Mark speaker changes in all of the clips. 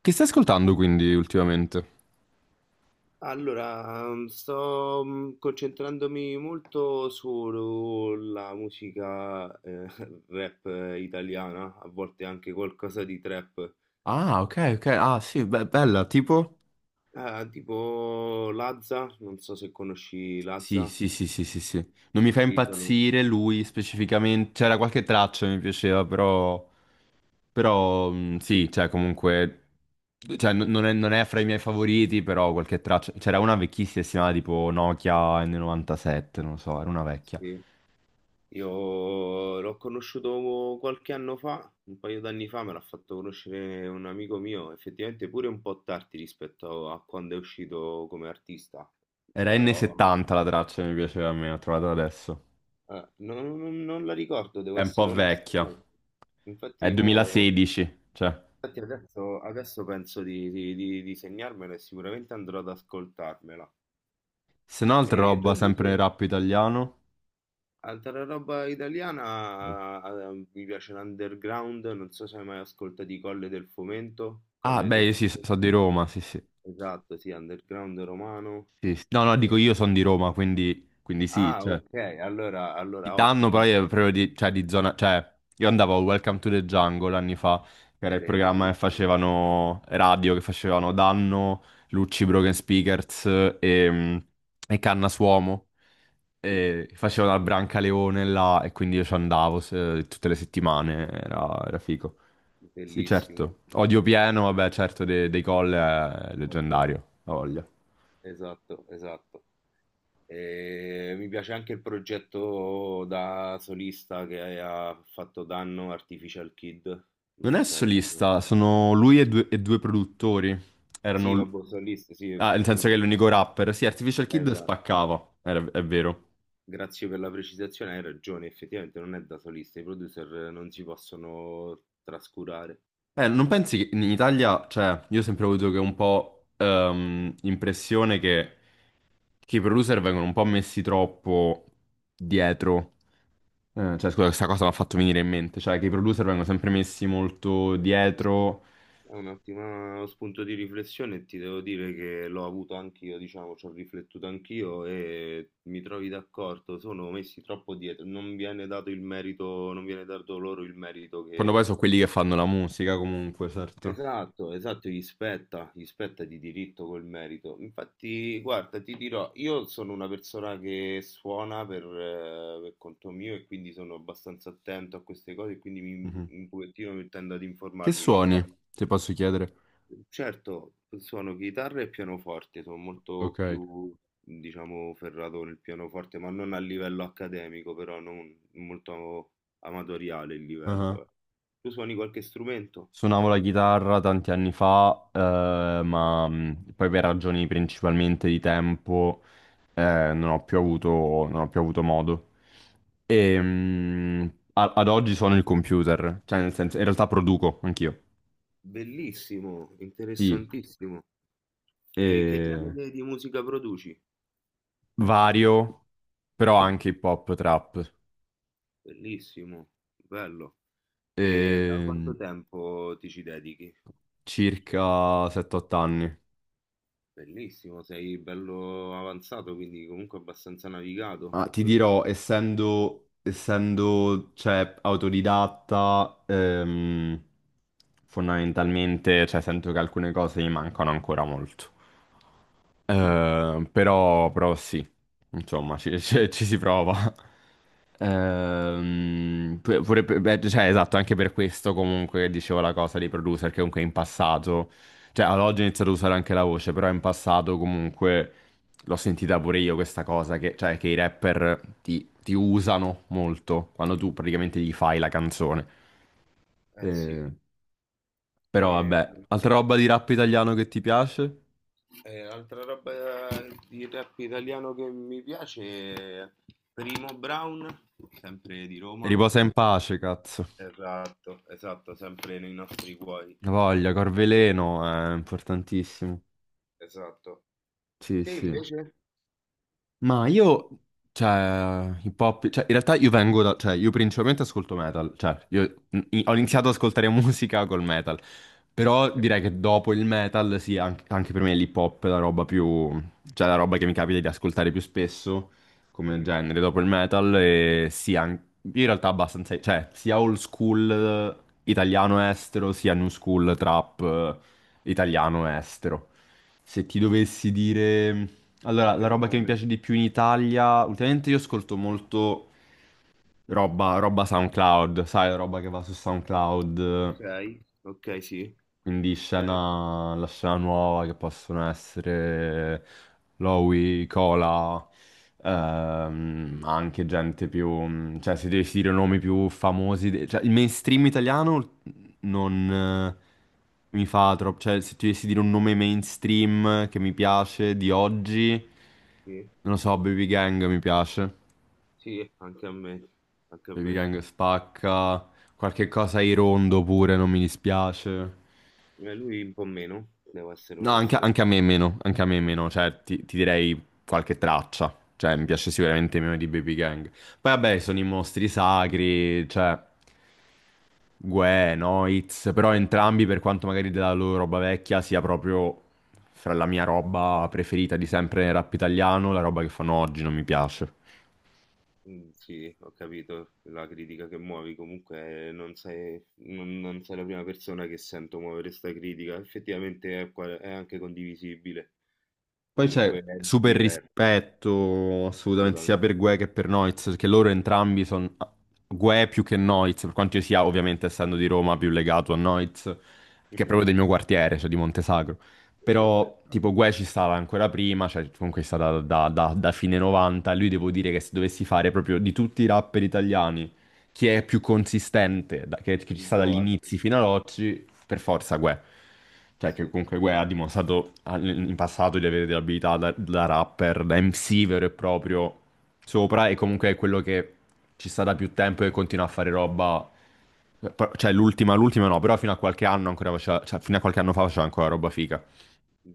Speaker 1: Che stai ascoltando quindi ultimamente?
Speaker 2: Allora, sto concentrandomi molto sulla musica rap italiana, a volte anche qualcosa di trap.
Speaker 1: Ah, ok, ok. Ah, sì, bella, tipo?
Speaker 2: Ah, tipo Lazza, non so se conosci
Speaker 1: Sì,
Speaker 2: Lazza.
Speaker 1: sì, sì, sì, sì, sì. Non mi fa
Speaker 2: Sì,
Speaker 1: impazzire lui specificamente. C'era qualche traccia che mi piaceva, però... Però, sì, cioè, comunque... Cioè, non è, non è fra i miei favoriti, però qualche traccia... C'era una vecchissima, si chiamava tipo Nokia N97, non lo so, era una vecchia.
Speaker 2: sì. Io l'ho conosciuto qualche anno fa, un paio d'anni fa, me l'ha fatto conoscere un amico mio, effettivamente pure un po' tardi rispetto a quando è uscito come artista,
Speaker 1: Era
Speaker 2: però...
Speaker 1: N70 la traccia che mi piaceva a me, l'ho trovata adesso.
Speaker 2: Ah, non la ricordo, devo
Speaker 1: È un po'
Speaker 2: essere onesto,
Speaker 1: vecchia.
Speaker 2: sai.
Speaker 1: È
Speaker 2: Infatti, mo-
Speaker 1: 2016, cioè...
Speaker 2: infatti adesso, adesso penso di segnarmela e sicuramente andrò ad ascoltarmela.
Speaker 1: Se no, altra
Speaker 2: E tu
Speaker 1: roba sempre
Speaker 2: invece,
Speaker 1: nel rap italiano.
Speaker 2: altra roba italiana, mi piace l'underground, non so se hai mai ascoltato i Colle del Fomento.
Speaker 1: Ah,
Speaker 2: Colle
Speaker 1: beh,
Speaker 2: del
Speaker 1: io sì,
Speaker 2: Fomento,
Speaker 1: sono di Roma, sì, sì.
Speaker 2: esatto, sì, underground romano.
Speaker 1: Sì, sì. No, no, dico io
Speaker 2: E-
Speaker 1: sono di Roma, quindi, quindi sì,
Speaker 2: Ah,
Speaker 1: cioè.
Speaker 2: ok,
Speaker 1: Il
Speaker 2: allora
Speaker 1: danno
Speaker 2: ottimo,
Speaker 1: però è proprio di, cioè, di zona... Cioè, io andavo a Welcome to the Jungle anni fa, che era il programma che
Speaker 2: bellissimo,
Speaker 1: facevano radio, che facevano Danno, Lucci Broken Speakers e, e Canna Suomo.
Speaker 2: sì,
Speaker 1: E facevano al Brancaleone là e quindi io ci andavo tutte le settimane, era figo. Sì,
Speaker 2: bellissimo.
Speaker 1: certo. Odio pieno, vabbè, certo, dei, Coll è
Speaker 2: Molto.
Speaker 1: leggendario, la voglia.
Speaker 2: Esatto, esatto. E mi piace anche il progetto da solista che ha fatto Danno, Artificial Kid. Non
Speaker 1: Non
Speaker 2: so
Speaker 1: è
Speaker 2: se hai...
Speaker 1: solista, sono lui e due produttori. Erano...
Speaker 2: Sì,
Speaker 1: l-
Speaker 2: vabbè, solista,
Speaker 1: Ah, nel senso che è l'unico rapper. Sì, Artificial Kid
Speaker 2: esatto.
Speaker 1: spaccava, è vero.
Speaker 2: Grazie per la precisazione, hai ragione, effettivamente non è da solista, i producer non si possono trascurare.
Speaker 1: Non pensi che in Italia, cioè, io ho sempre avuto che un po' impressione che i producer vengono un po' messi troppo dietro. Cioè, scusa, questa cosa mi ha fatto venire in mente. Cioè, che i producer vengono sempre messi molto dietro.
Speaker 2: È un ottimo spunto di riflessione e ti devo dire che l'ho avuto anch'io, diciamo, ci ho riflettuto anch'io e mi trovi d'accordo, sono messi troppo dietro, non viene dato il merito, non viene dato loro il merito
Speaker 1: Quando
Speaker 2: che...
Speaker 1: poi sono quelli che fanno la musica, comunque, certo.
Speaker 2: Esatto, esatto, gli spetta di diritto quel merito. Infatti, guarda, ti dirò, io sono una persona che suona per conto mio e quindi sono abbastanza attento a queste cose e quindi mi,
Speaker 1: Mhm.
Speaker 2: un pochettino mi tendo ad
Speaker 1: Che
Speaker 2: informarmi, però...
Speaker 1: suoni, se posso chiedere?
Speaker 2: Certo, suono chitarra e pianoforte, sono molto
Speaker 1: Ok.
Speaker 2: più, diciamo, ferrato nel pianoforte, ma non a livello accademico, però non molto amatoriale il
Speaker 1: Ah.
Speaker 2: livello, eh. Tu suoni qualche strumento?
Speaker 1: Suonavo la chitarra tanti anni fa, ma poi per ragioni principalmente di tempo, eh, non ho più avuto, non ho più avuto modo. E ad oggi sono il computer, cioè nel senso, in realtà produco anch'io.
Speaker 2: Bellissimo,
Speaker 1: Sì,
Speaker 2: interessantissimo. E che
Speaker 1: e
Speaker 2: genere di musica produci?
Speaker 1: vario, però anche hip hop, trap.
Speaker 2: Bellissimo, bello. E da
Speaker 1: E
Speaker 2: quanto tempo ti ci dedichi?
Speaker 1: circa 7-8 anni.
Speaker 2: Bellissimo, sei bello avanzato, quindi comunque abbastanza navigato.
Speaker 1: Ah, ti dirò, essendo cioè, autodidatta, fondamentalmente cioè, sento che alcune cose mi mancano ancora molto. Però, però sì, insomma, ci ci si prova. Pure beh, cioè, esatto, anche per questo comunque dicevo la cosa dei producer che comunque in passato, cioè ad oggi ho iniziato a usare anche la voce, però in passato comunque l'ho sentita pure io questa cosa, che, cioè che i rapper ti usano molto quando tu praticamente gli fai la canzone.
Speaker 2: Eh sì.
Speaker 1: Eh, però vabbè,
Speaker 2: ehm,
Speaker 1: altra roba di rap italiano che ti piace?
Speaker 2: Altra roba di rap italiano che mi piace è Primo Brown, sempre di Roma.
Speaker 1: Riposa in pace, cazzo.
Speaker 2: Esatto, esatto, sempre nei nostri cuori.
Speaker 1: La voglia, Corveleno, è importantissimo.
Speaker 2: Esatto.
Speaker 1: Sì,
Speaker 2: Te
Speaker 1: sì.
Speaker 2: invece?
Speaker 1: Ma io, cioè, hip hop, cioè, in realtà io vengo da, cioè, io principalmente ascolto metal, cioè, io ho iniziato ad
Speaker 2: Bellino,
Speaker 1: ascoltare musica col metal, però
Speaker 2: ok.
Speaker 1: direi che dopo il metal, sì, anche, per me l'hip hop è la roba più, cioè, la roba che mi capita di ascoltare più spesso, come
Speaker 2: Mhm.
Speaker 1: genere, dopo il metal, e sì, io in realtà abbastanza, cioè, sia old school italiano-estero, sia new school trap italiano-estero. Se ti dovessi dire... Allora, la
Speaker 2: Qualche
Speaker 1: roba che mi
Speaker 2: nome?
Speaker 1: piace di più in Italia, ultimamente io ascolto molto roba SoundCloud, sai, roba che va su SoundCloud.
Speaker 2: Ok, ok, sì. Bene.
Speaker 1: La scena nuova che possono essere Lowy, Cola, ma anche gente più... Cioè, se dovessi dire nomi più famosi... Cioè, il mainstream italiano non mi fa troppo... Cioè, se ti dovessi dire un nome mainstream che mi piace di oggi,
Speaker 2: Sì,
Speaker 1: non lo so, Baby Gang mi piace.
Speaker 2: sì, anche a me. Anche a
Speaker 1: Baby
Speaker 2: me.
Speaker 1: Gang spacca. Qualche cosa ai rondo pure, non mi dispiace.
Speaker 2: Lui un po' meno, devo essere
Speaker 1: No, anche,
Speaker 2: onesto.
Speaker 1: anche a me è meno, anche a me è meno, cioè ti direi qualche traccia, cioè mi piace sicuramente meno di Baby Gang. Poi vabbè, sono i mostri sacri, cioè Gue, Noitz, però entrambi
Speaker 2: Mhm.
Speaker 1: per quanto magari della loro roba vecchia sia proprio fra la mia roba preferita di sempre nel rap italiano, la roba che fanno oggi non mi piace.
Speaker 2: Sì, ho capito la critica che muovi, comunque non sei la prima persona che sento muovere 'sta critica. Effettivamente è qua è anche condivisibile,
Speaker 1: Poi c'è
Speaker 2: comunque è
Speaker 1: super
Speaker 2: diver,
Speaker 1: rispetto assolutamente sia
Speaker 2: assolutamente.
Speaker 1: per Gue che per Noiz, perché loro entrambi sono Gue più che Noiz, per quanto io sia ovviamente essendo di Roma più legato a Noiz, che è
Speaker 2: Mh-mh.
Speaker 1: proprio del mio quartiere, cioè di Montesagro.
Speaker 2: Che
Speaker 1: Però tipo
Speaker 2: spettacolo.
Speaker 1: Gue ci stava ancora prima, cioè comunque è stata da fine 90, lui devo dire che se dovessi fare proprio di tutti i rapper italiani chi è più consistente, che ci
Speaker 2: Il
Speaker 1: sta dagli
Speaker 2: boato,
Speaker 1: inizi fino ad oggi, per forza Guè. Cioè, che
Speaker 2: sì.
Speaker 1: comunque Guè ha dimostrato in passato di avere delle abilità da rapper, da MC vero e proprio sopra, e comunque è quello che ci sta da più tempo e continua a fare roba. Pro- Cioè, l'ultima no, però fino a qualche anno ancora faceva, cioè, fino a qualche anno fa faceva ancora roba figa.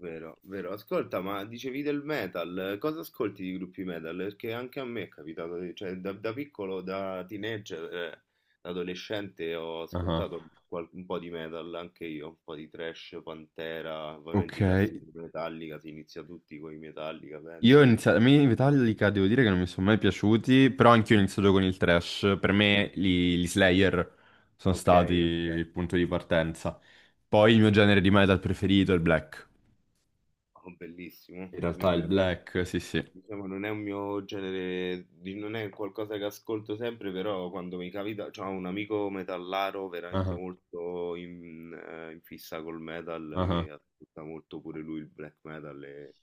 Speaker 2: Vero, vero. Ascolta, ma dicevi del metal, cosa ascolti di gruppi metal? Perché anche a me è capitato, cioè da, da piccolo, da teenager, da adolescente ho
Speaker 1: Ah,
Speaker 2: ascoltato un po' di metal, anche io, un po' di thrash, Pantera,
Speaker 1: ok.
Speaker 2: ovviamente i classici Metallica, si inizia tutti con i Metallica,
Speaker 1: Io ho
Speaker 2: penso.
Speaker 1: iniziato, a me i Metallica devo dire che non mi sono mai piaciuti, però anch'io ho
Speaker 2: Mm.
Speaker 1: iniziato con il thrash. Per me gli Slayer sono
Speaker 2: Ok,
Speaker 1: stati
Speaker 2: ok.
Speaker 1: il punto di partenza.
Speaker 2: Sì.
Speaker 1: Poi il mio genere di metal preferito è il black.
Speaker 2: Oh, bellissimo.
Speaker 1: In realtà il black, sì sì.
Speaker 2: Diciamo, non è un mio genere, non è qualcosa che ascolto sempre, però quando mi capita, c'ho un amico metallaro veramente
Speaker 1: Ah,
Speaker 2: molto in, in fissa col metal,
Speaker 1: ah.
Speaker 2: che ascolta molto pure lui il black metal,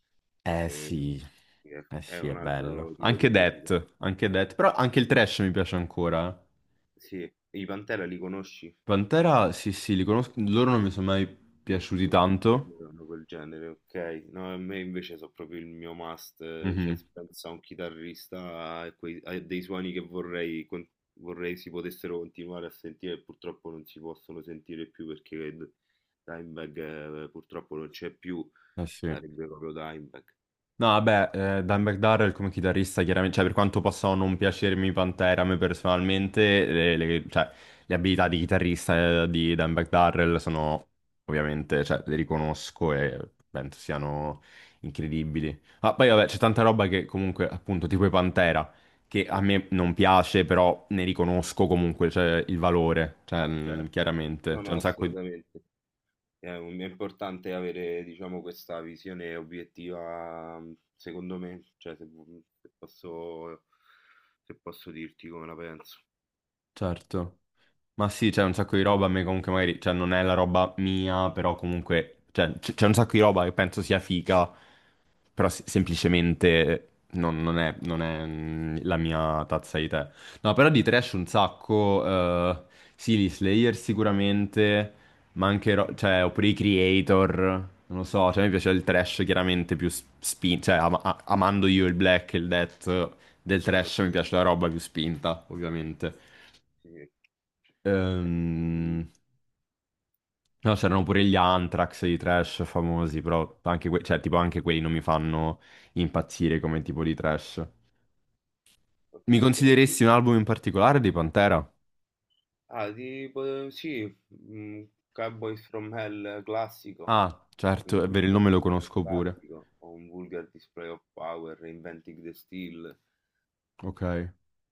Speaker 1: Eh
Speaker 2: e-
Speaker 1: sì,
Speaker 2: e
Speaker 1: eh
Speaker 2: è
Speaker 1: sì, è
Speaker 2: un
Speaker 1: bello.
Speaker 2: altro tipo di musica.
Speaker 1: Anche Death, però anche il thrash mi piace ancora, eh.
Speaker 2: Sì, i Pantera li conosci?
Speaker 1: Pantera, sì sì, li conosco, loro non mi sono mai piaciuti
Speaker 2: Mh, è
Speaker 1: tanto.
Speaker 2: vero, hanno quel genere, okay. No, a me invece so' proprio il mio must, cioè
Speaker 1: Mhm.
Speaker 2: s penso a un chitarrista e quei a dei suoni che vorrei con vorrei si potessero continuare a sentire e purtroppo non si possono sentire più perché d Dimebag, purtroppo non c'è più,
Speaker 1: Eh sì.
Speaker 2: sarebbe proprio Dimebag.
Speaker 1: No, vabbè, Dan McDowell come chitarrista, chiaramente, cioè per quanto possano non piacermi i Pantera, a me personalmente, cioè, le abilità di chitarrista di Dan McDowell sono ovviamente, cioè, le riconosco e penso siano incredibili. Ma poi, vabbè, c'è
Speaker 2: Quindi,
Speaker 1: tanta roba che comunque, appunto, tipo i Pantera, che a
Speaker 2: sì.
Speaker 1: me non piace, però ne riconosco comunque, cioè, il valore, cioè,
Speaker 2: Certo.
Speaker 1: chiaramente,
Speaker 2: No,
Speaker 1: c'è
Speaker 2: no,
Speaker 1: un sacco di...
Speaker 2: assolutamente. È, è importante avere, diciamo, questa visione obiettiva, secondo me, cioè se, vu- mhmm, se posso, se posso dirti come la penso.
Speaker 1: Certo. Ma sì, c'è un sacco di roba, a me comunque magari, cioè non è la roba mia, però comunque, cioè, c'è un sacco di roba che penso sia figa, però semplicemente non è, la mia tazza di tè. No, però di trash un sacco, sì, gli Slayer sicuramente, ma anche, cioè, oppure i Creator, non lo so, cioè mi piace il trash chiaramente più spin, cioè amando io il black e il death del
Speaker 2: Bello,
Speaker 1: trash mi
Speaker 2: sì,
Speaker 1: piace la roba più spinta, ovviamente.
Speaker 2: sì. Eh, mm,
Speaker 1: Ehm, No, c'erano pure gli Anthrax, i Trash famosi, però anche, cioè, tipo, anche quelli non mi fanno impazzire come tipo di trash.
Speaker 2: ho
Speaker 1: Mi
Speaker 2: capito. E
Speaker 1: consideresti
Speaker 2: quindi-
Speaker 1: un album in particolare di Pantera?
Speaker 2: Ah, tipo, sì, mm, Cowboys from Hell classico.
Speaker 1: Ah, certo,
Speaker 2: Un
Speaker 1: è vero, il
Speaker 2: Cowboys
Speaker 1: nome lo
Speaker 2: from Hell
Speaker 1: conosco pure.
Speaker 2: classico, o un Vulgar Display of Power, Reinventing the Steel.
Speaker 1: Ok,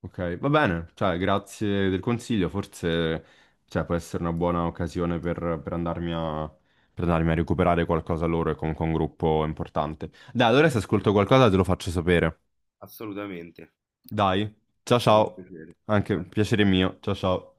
Speaker 1: ok, va bene, cioè, grazie del consiglio, forse, cioè, può essere una buona occasione per, per andarmi a recuperare qualcosa loro e comunque un gruppo importante. Dai,
Speaker 2: Ma
Speaker 1: allora se ascolto
Speaker 2: figurati, che
Speaker 1: qualcosa te lo
Speaker 2: bello.
Speaker 1: faccio sapere.
Speaker 2: Assolutamente, è
Speaker 1: Dai, ciao
Speaker 2: stato un
Speaker 1: ciao,
Speaker 2: piacere.
Speaker 1: anche
Speaker 2: A dopo.
Speaker 1: piacere mio, ciao ciao.